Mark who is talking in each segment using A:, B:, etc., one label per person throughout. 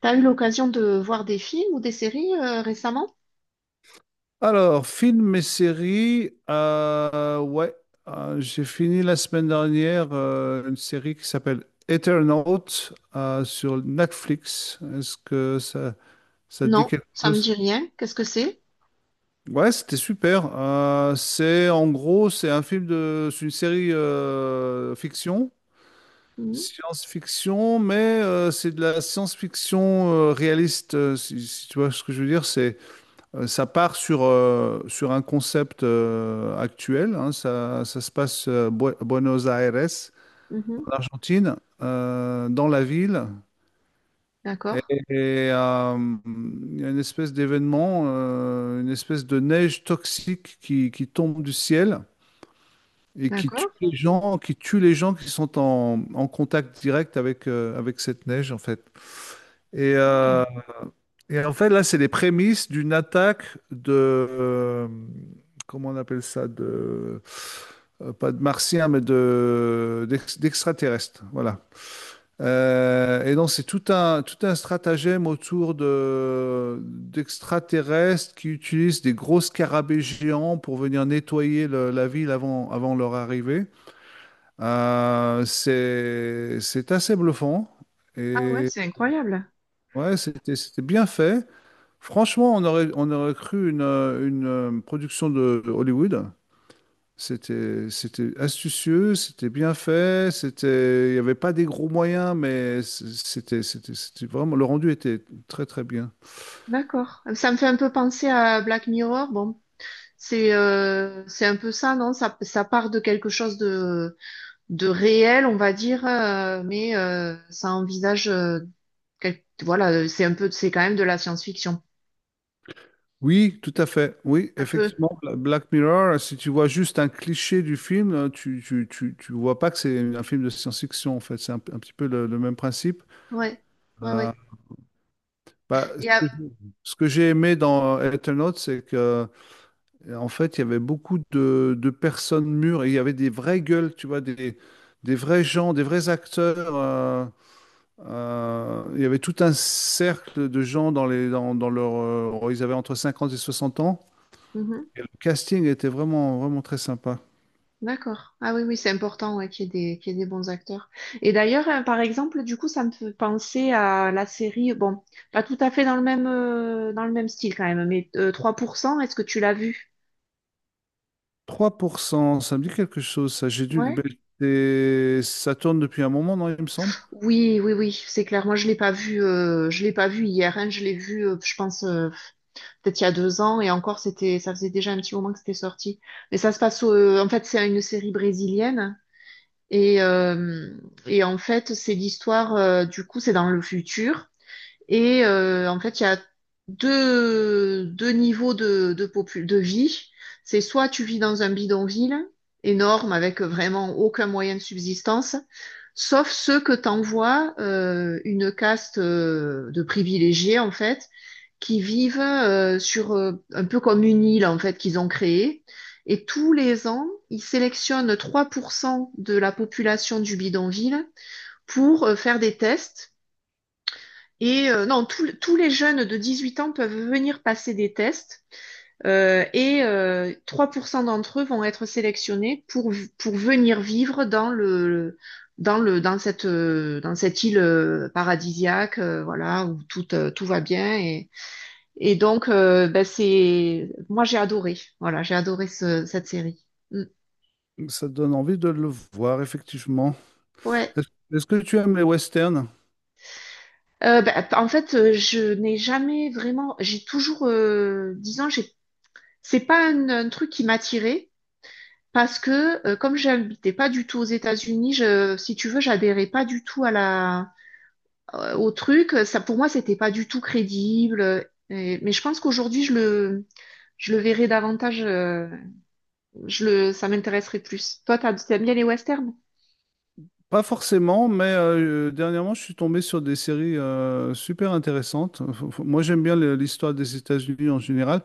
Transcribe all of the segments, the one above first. A: T'as eu l'occasion de voir des films ou des séries récemment?
B: Alors, films et séries, ouais, j'ai fini la semaine dernière une série qui s'appelle Eternaut sur Netflix. Est-ce que ça te dit
A: Non,
B: quelque
A: ça me
B: chose?
A: dit rien. Qu'est-ce que c'est?
B: Ouais, c'était super. C'est en gros, c'est c'est une série fiction,
A: Mhm,
B: science-fiction, mais c'est de la science-fiction réaliste. Si tu vois ce que je veux dire, c'est ça part sur un concept actuel, hein. Ça se passe Buenos Aires,
A: mhm.
B: en Argentine, dans la ville.
A: D'accord,
B: Et, et, euh, il y a une espèce d'événement, une espèce de neige toxique qui tombe du ciel et qui tue
A: d'accord.
B: les gens, qui tue les gens qui sont en contact direct avec cette neige, en fait. Et,
A: Ah
B: euh, Et là, c'est les prémices d'une attaque de... comment on appelle ça? Pas de martiens, mais d'extraterrestres. Voilà. Et donc, c'est tout un stratagème autour d'extraterrestres qui utilisent des gros scarabées géants pour venir nettoyer la ville avant leur arrivée. C'est assez bluffant.
A: Ah ouais,
B: Et
A: c'est incroyable.
B: C'était bien fait. Franchement, on aurait cru une production de Hollywood. C'était astucieux, c'était bien fait, il n'y avait pas des gros moyens, mais c'était vraiment, le rendu était très, très bien.
A: D'accord. Ça me fait un peu penser à Black Mirror. Bon, c'est un peu ça, non? Ça part de quelque chose de, réel, on va dire, mais ça envisage, voilà, c'est un peu, c'est quand même de la science-fiction.
B: Oui, tout à fait. Oui,
A: Un peu.
B: effectivement, Black Mirror, si tu vois juste un cliché du film, tu vois pas que c'est un film de science-fiction, en fait. C'est un petit peu le même principe.
A: Ouais, ouais,
B: Euh,
A: ouais.
B: bah,
A: Et, à-
B: ce que, Ce que j'ai aimé dans Eternauts, c'est que Et En fait, il y avait beaucoup de personnes mûres et il y avait des vraies gueules, tu vois, des vrais gens, des vrais acteurs. Il y avait tout un cercle de gens dans dans leur, ils avaient entre 50 et 60 ans.
A: Mhm.
B: Et le casting était vraiment, vraiment très sympa.
A: D'accord. Ah oui, oui, c'est important, ouais, qu'il y ait des bons acteurs. Et d'ailleurs, hein, par exemple, du coup, ça me fait penser à la série. Bon, pas tout à fait dans le même, style quand même, mais 3%. Est-ce que tu l'as vu?
B: Trois pour cent, ça me dit quelque chose, ça. J'ai dû,
A: Ouais.
B: ben, ça tourne depuis un moment, non, il me semble.
A: Oui, oui, oui, c'est clair. Moi, je l'ai pas vu, je l'ai pas vu hier, hein. Je l'ai vu, je pense, peut-être il y a 2 ans, et encore, c'était, ça faisait déjà un petit moment que c'était sorti. Mais ça se passe, en fait, c'est une série brésilienne, et, euh, et en fait, c'est l'histoire, du coup, c'est dans le futur. Et en fait, il y a deux niveaux de vie. C'est soit tu vis dans un bidonville énorme avec vraiment aucun moyen de subsistance, sauf ceux que t'envoie une caste de privilégiés, en fait, qui vivent sur un peu comme une île, en fait, qu'ils ont créée. Et tous les ans, ils sélectionnent 3% de la population du bidonville pour faire des tests et non, tous les jeunes de 18 ans peuvent venir passer des tests, 3% d'entre eux vont être sélectionnés pour, pour venir vivre dans le, dans cette île paradisiaque, voilà, où tout, tout va bien. Et donc, ben, c'est, moi, j'ai adoré. Voilà, j'ai adoré cette série. Mm.
B: Ça donne envie de le voir, effectivement.
A: Ouais.
B: Est-ce est-ce que tu aimes les westerns?
A: Ben, en fait, je n'ai jamais vraiment, j'ai toujours, disons, j'ai, c'est pas un truc qui m'attirait. Parce que comme j'habitais pas du tout aux États-Unis, je, si tu veux, j'adhérais pas du tout à la au truc. Ça pour moi, c'était pas du tout crédible. Mais je pense qu'aujourd'hui, je le verrais davantage. Je le Ça m'intéresserait plus. Toi, t'aimes bien les westerns?
B: Pas forcément, mais dernièrement, je suis tombé sur des séries super intéressantes. Moi, j'aime bien l'histoire des États-Unis en général.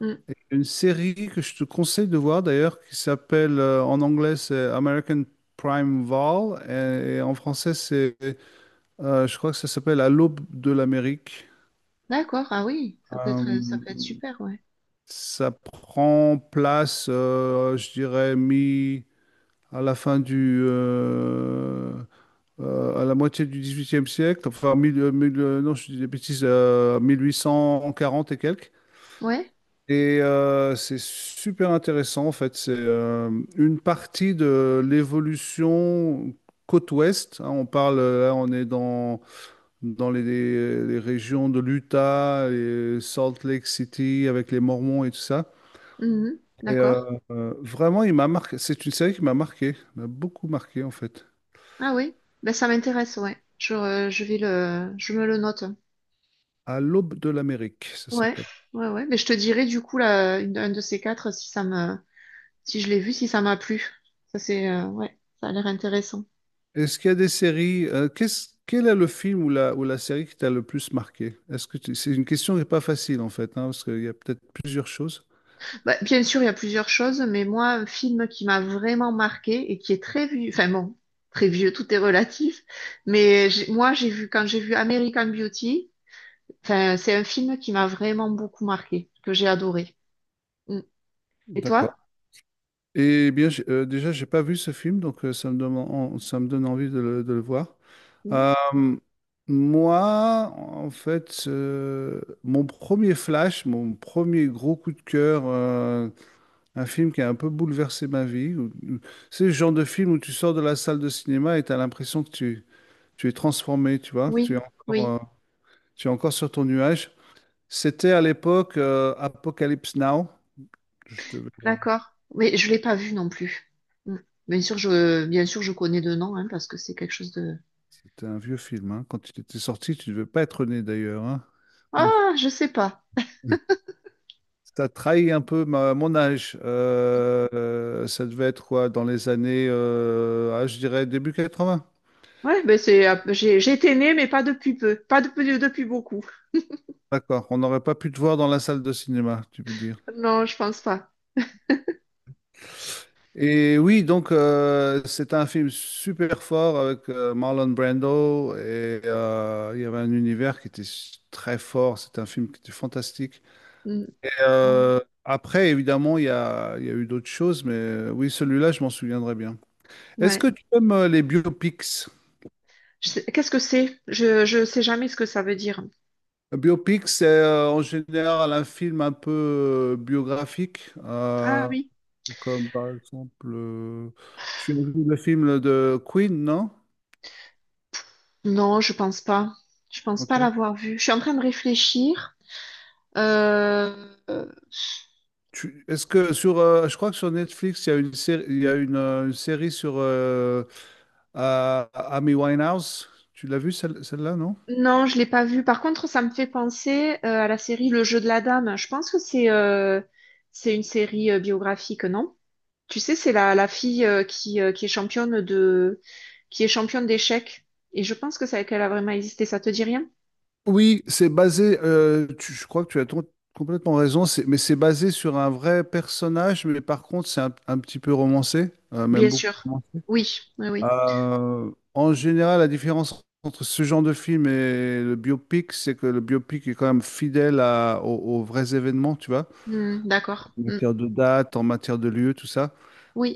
A: Mm.
B: Et une série que je te conseille de voir d'ailleurs, qui s'appelle en anglais c'est American Primeval et en français c'est, je crois que ça s'appelle À l'aube de l'Amérique.
A: D'accord. Ah oui, ça
B: Euh,
A: peut être super. Ouais.
B: Ça prend place, je dirais, mi à la fin du à la moitié du XVIIIe siècle, enfin, non, je dis des bêtises, 1840 et quelques.
A: Ouais.
B: Et c'est super intéressant, en fait. C'est une partie de l'évolution côte ouest, hein. On parle, on est dans, dans les régions de l'Utah et Salt Lake City avec les Mormons et tout ça.
A: Mhm.
B: Et euh,
A: D'accord.
B: Vraiment, il m'a marqué. C'est une série qui m'a marqué, m'a beaucoup marqué, en fait.
A: Ah oui. Ben ça m'intéresse. Ouais. Je vais le je me le note.
B: À l'aube de l'Amérique, ça
A: Ouais.
B: s'appelle.
A: Ouais, ouais. Mais je te dirai du coup là un de ces quatre, si ça me si je l'ai vu, si ça m'a plu. Ça, c'est, ouais, ça a l'air intéressant.
B: Est-ce qu'il y a des séries, quel est le film ou ou la série qui t'a le plus marqué? C'est une question qui n'est pas facile en fait, hein, parce qu'il y a peut-être plusieurs choses.
A: Bah, bien sûr, il y a plusieurs choses, mais moi, un film qui m'a vraiment marqué et qui est très vieux, enfin bon, très vieux, tout est relatif, mais moi, j'ai vu, quand j'ai vu American Beauty, enfin, c'est un film qui m'a vraiment beaucoup marqué, que j'ai adoré. Mm. Et
B: D'accord.
A: toi?
B: Eh bien, déjà, j'ai pas vu ce film, donc ça me donne, ça me donne envie de de le voir.
A: Mm.
B: Euh, moi, mon premier flash, mon premier gros coup de cœur, un film qui a un peu bouleversé ma vie. C'est le genre de film où tu sors de la salle de cinéma et tu as l'impression que tu es transformé, tu vois.
A: Oui, oui,
B: Tu es encore sur ton nuage. C'était à l'époque Apocalypse Now. Je devais-
A: d'accord. Mais je l'ai pas vu non plus. Mm. Bien sûr, je connais de nom, hein, parce que c'est quelque chose de...
B: C'était un vieux film, hein. Quand il était sorti, tu ne devais pas être né d'ailleurs, hein. Donc,
A: Ah, je sais pas.
B: ça trahit un peu mon âge. Ça devait être quoi dans les années, je dirais début 80.
A: Ouais, ben c'est, j'ai, j'étais née, mais pas depuis peu, pas depuis beaucoup.
B: D'accord. On n'aurait pas pu te voir dans la salle de cinéma, tu peux dire.
A: Non, je pense pas.
B: Et oui, donc c'est un film super fort avec Marlon Brando et il y avait un univers qui était très fort. C'est un film qui était fantastique.
A: Mm. Ouais.
B: Après, évidemment, il y a eu d'autres choses, mais oui, celui-là, je m'en souviendrai bien. Est-ce que
A: Ouais.
B: tu aimes les biopics?
A: Qu'est-ce que c'est? Je sais jamais ce que ça veut dire.
B: Un biopic, c'est en général un film un peu biographique,
A: Ah
B: euh,
A: oui.
B: comme par exemple, euh, tu as vu le film de Queen, non?
A: Non, je pense pas. Je pense pas
B: Ok.
A: l'avoir vu. Je suis en train de réfléchir. Euh, euh,
B: Est-ce que je crois que sur Netflix, il y a une série, il y a une série sur Amy Winehouse. Tu l'as vue celle, celle-là, non?
A: non, je l'ai pas vu. Par contre, ça me fait penser à la série Le Jeu de la Dame. Je pense que c'est une série biographique, non? Tu sais, c'est la fille qui est championne d'échecs. Et je pense qu'elle a vraiment existé. Ça te dit rien?
B: Oui, c'est basé. Je crois que complètement raison. Mais c'est basé sur un vrai personnage, mais par contre, c'est un petit peu romancé, même
A: Bien
B: beaucoup
A: sûr.
B: romancé.
A: Oui, oui, oui.
B: En général, la différence entre ce genre de film et le biopic, c'est que le biopic est quand même fidèle aux vrais événements, tu vois.
A: Hmm, d'accord.
B: En
A: Hmm.
B: matière de date, en matière de lieu, tout ça.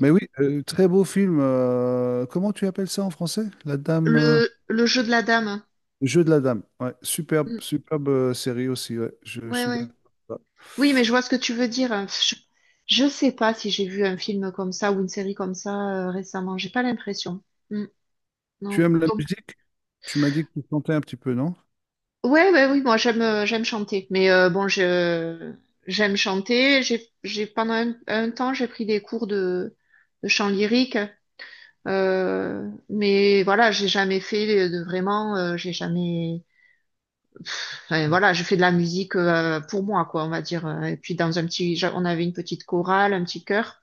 B: Mais oui, très beau film. Comment tu appelles ça en français?
A: Le jeu de la dame.
B: Le Jeu de la Dame. Ouais, superbe,
A: Hmm.
B: superbe série aussi. Ouais, je
A: Ouais,
B: suis
A: ouais.
B: d'accord. Ouais.
A: Oui, mais je vois ce que tu veux dire. Je sais pas si j'ai vu un film comme ça ou une série comme ça récemment. J'ai pas l'impression. Hmm,
B: Tu
A: non.
B: aimes la
A: Donc...
B: musique? Tu m'as dit que tu chantais un petit peu, non?
A: Ouais, ouais, oui, moi j'aime chanter. Mais bon, je j'aime chanter. J'ai pendant un temps j'ai pris des cours de chant lyrique. Mais voilà, j'ai jamais fait de vraiment. J'ai jamais. Enfin, voilà, je fais de la musique, pour moi, quoi, on va dire. Et puis dans un petit, j'a- on avait une petite chorale, un petit chœur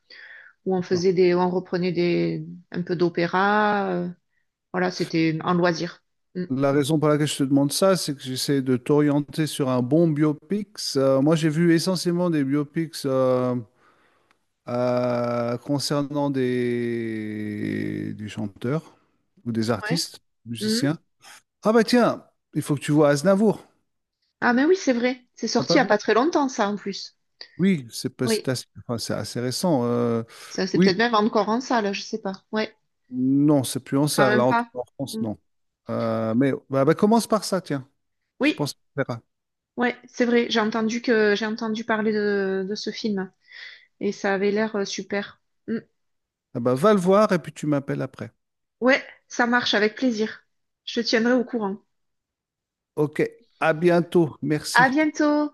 A: où on
B: D'accord.
A: où on reprenait des un peu d'opéra. Voilà, c'était en loisir. Mm.
B: La raison pour laquelle je te demande ça, c'est que j'essaie de t'orienter sur un bon biopic. Moi, j'ai vu essentiellement des biopics concernant des chanteurs ou des artistes,
A: Ouais.
B: musiciens. Ah bah tiens, il faut que tu vois Aznavour.
A: Ah mais oui, c'est vrai. C'est
B: T'as
A: sorti
B: pas
A: il n'y a
B: vu?
A: pas très longtemps, ça, en plus.
B: Oui, c'est pas- c'est
A: Oui.
B: assez, enfin, c'est assez récent.
A: Ça, c'est
B: Oui,
A: peut-être même encore en salle, je sais pas. Ouais,
B: non, c'est plus en
A: quand
B: salle, là,
A: même
B: en tout
A: pas.
B: cas en France,
A: Mm.
B: non. Mais bah, commence par ça, tiens. Je
A: Oui,
B: pense que ça te plaira.
A: ouais, c'est vrai. J'ai entendu parler de ce film. Et ça avait l'air super. Mm.
B: Ah bah, va le voir et puis tu m'appelles après.
A: Ouais, ça marche, avec plaisir. Je te tiendrai au courant.
B: Ok, à bientôt.
A: À
B: Merci.
A: bientôt!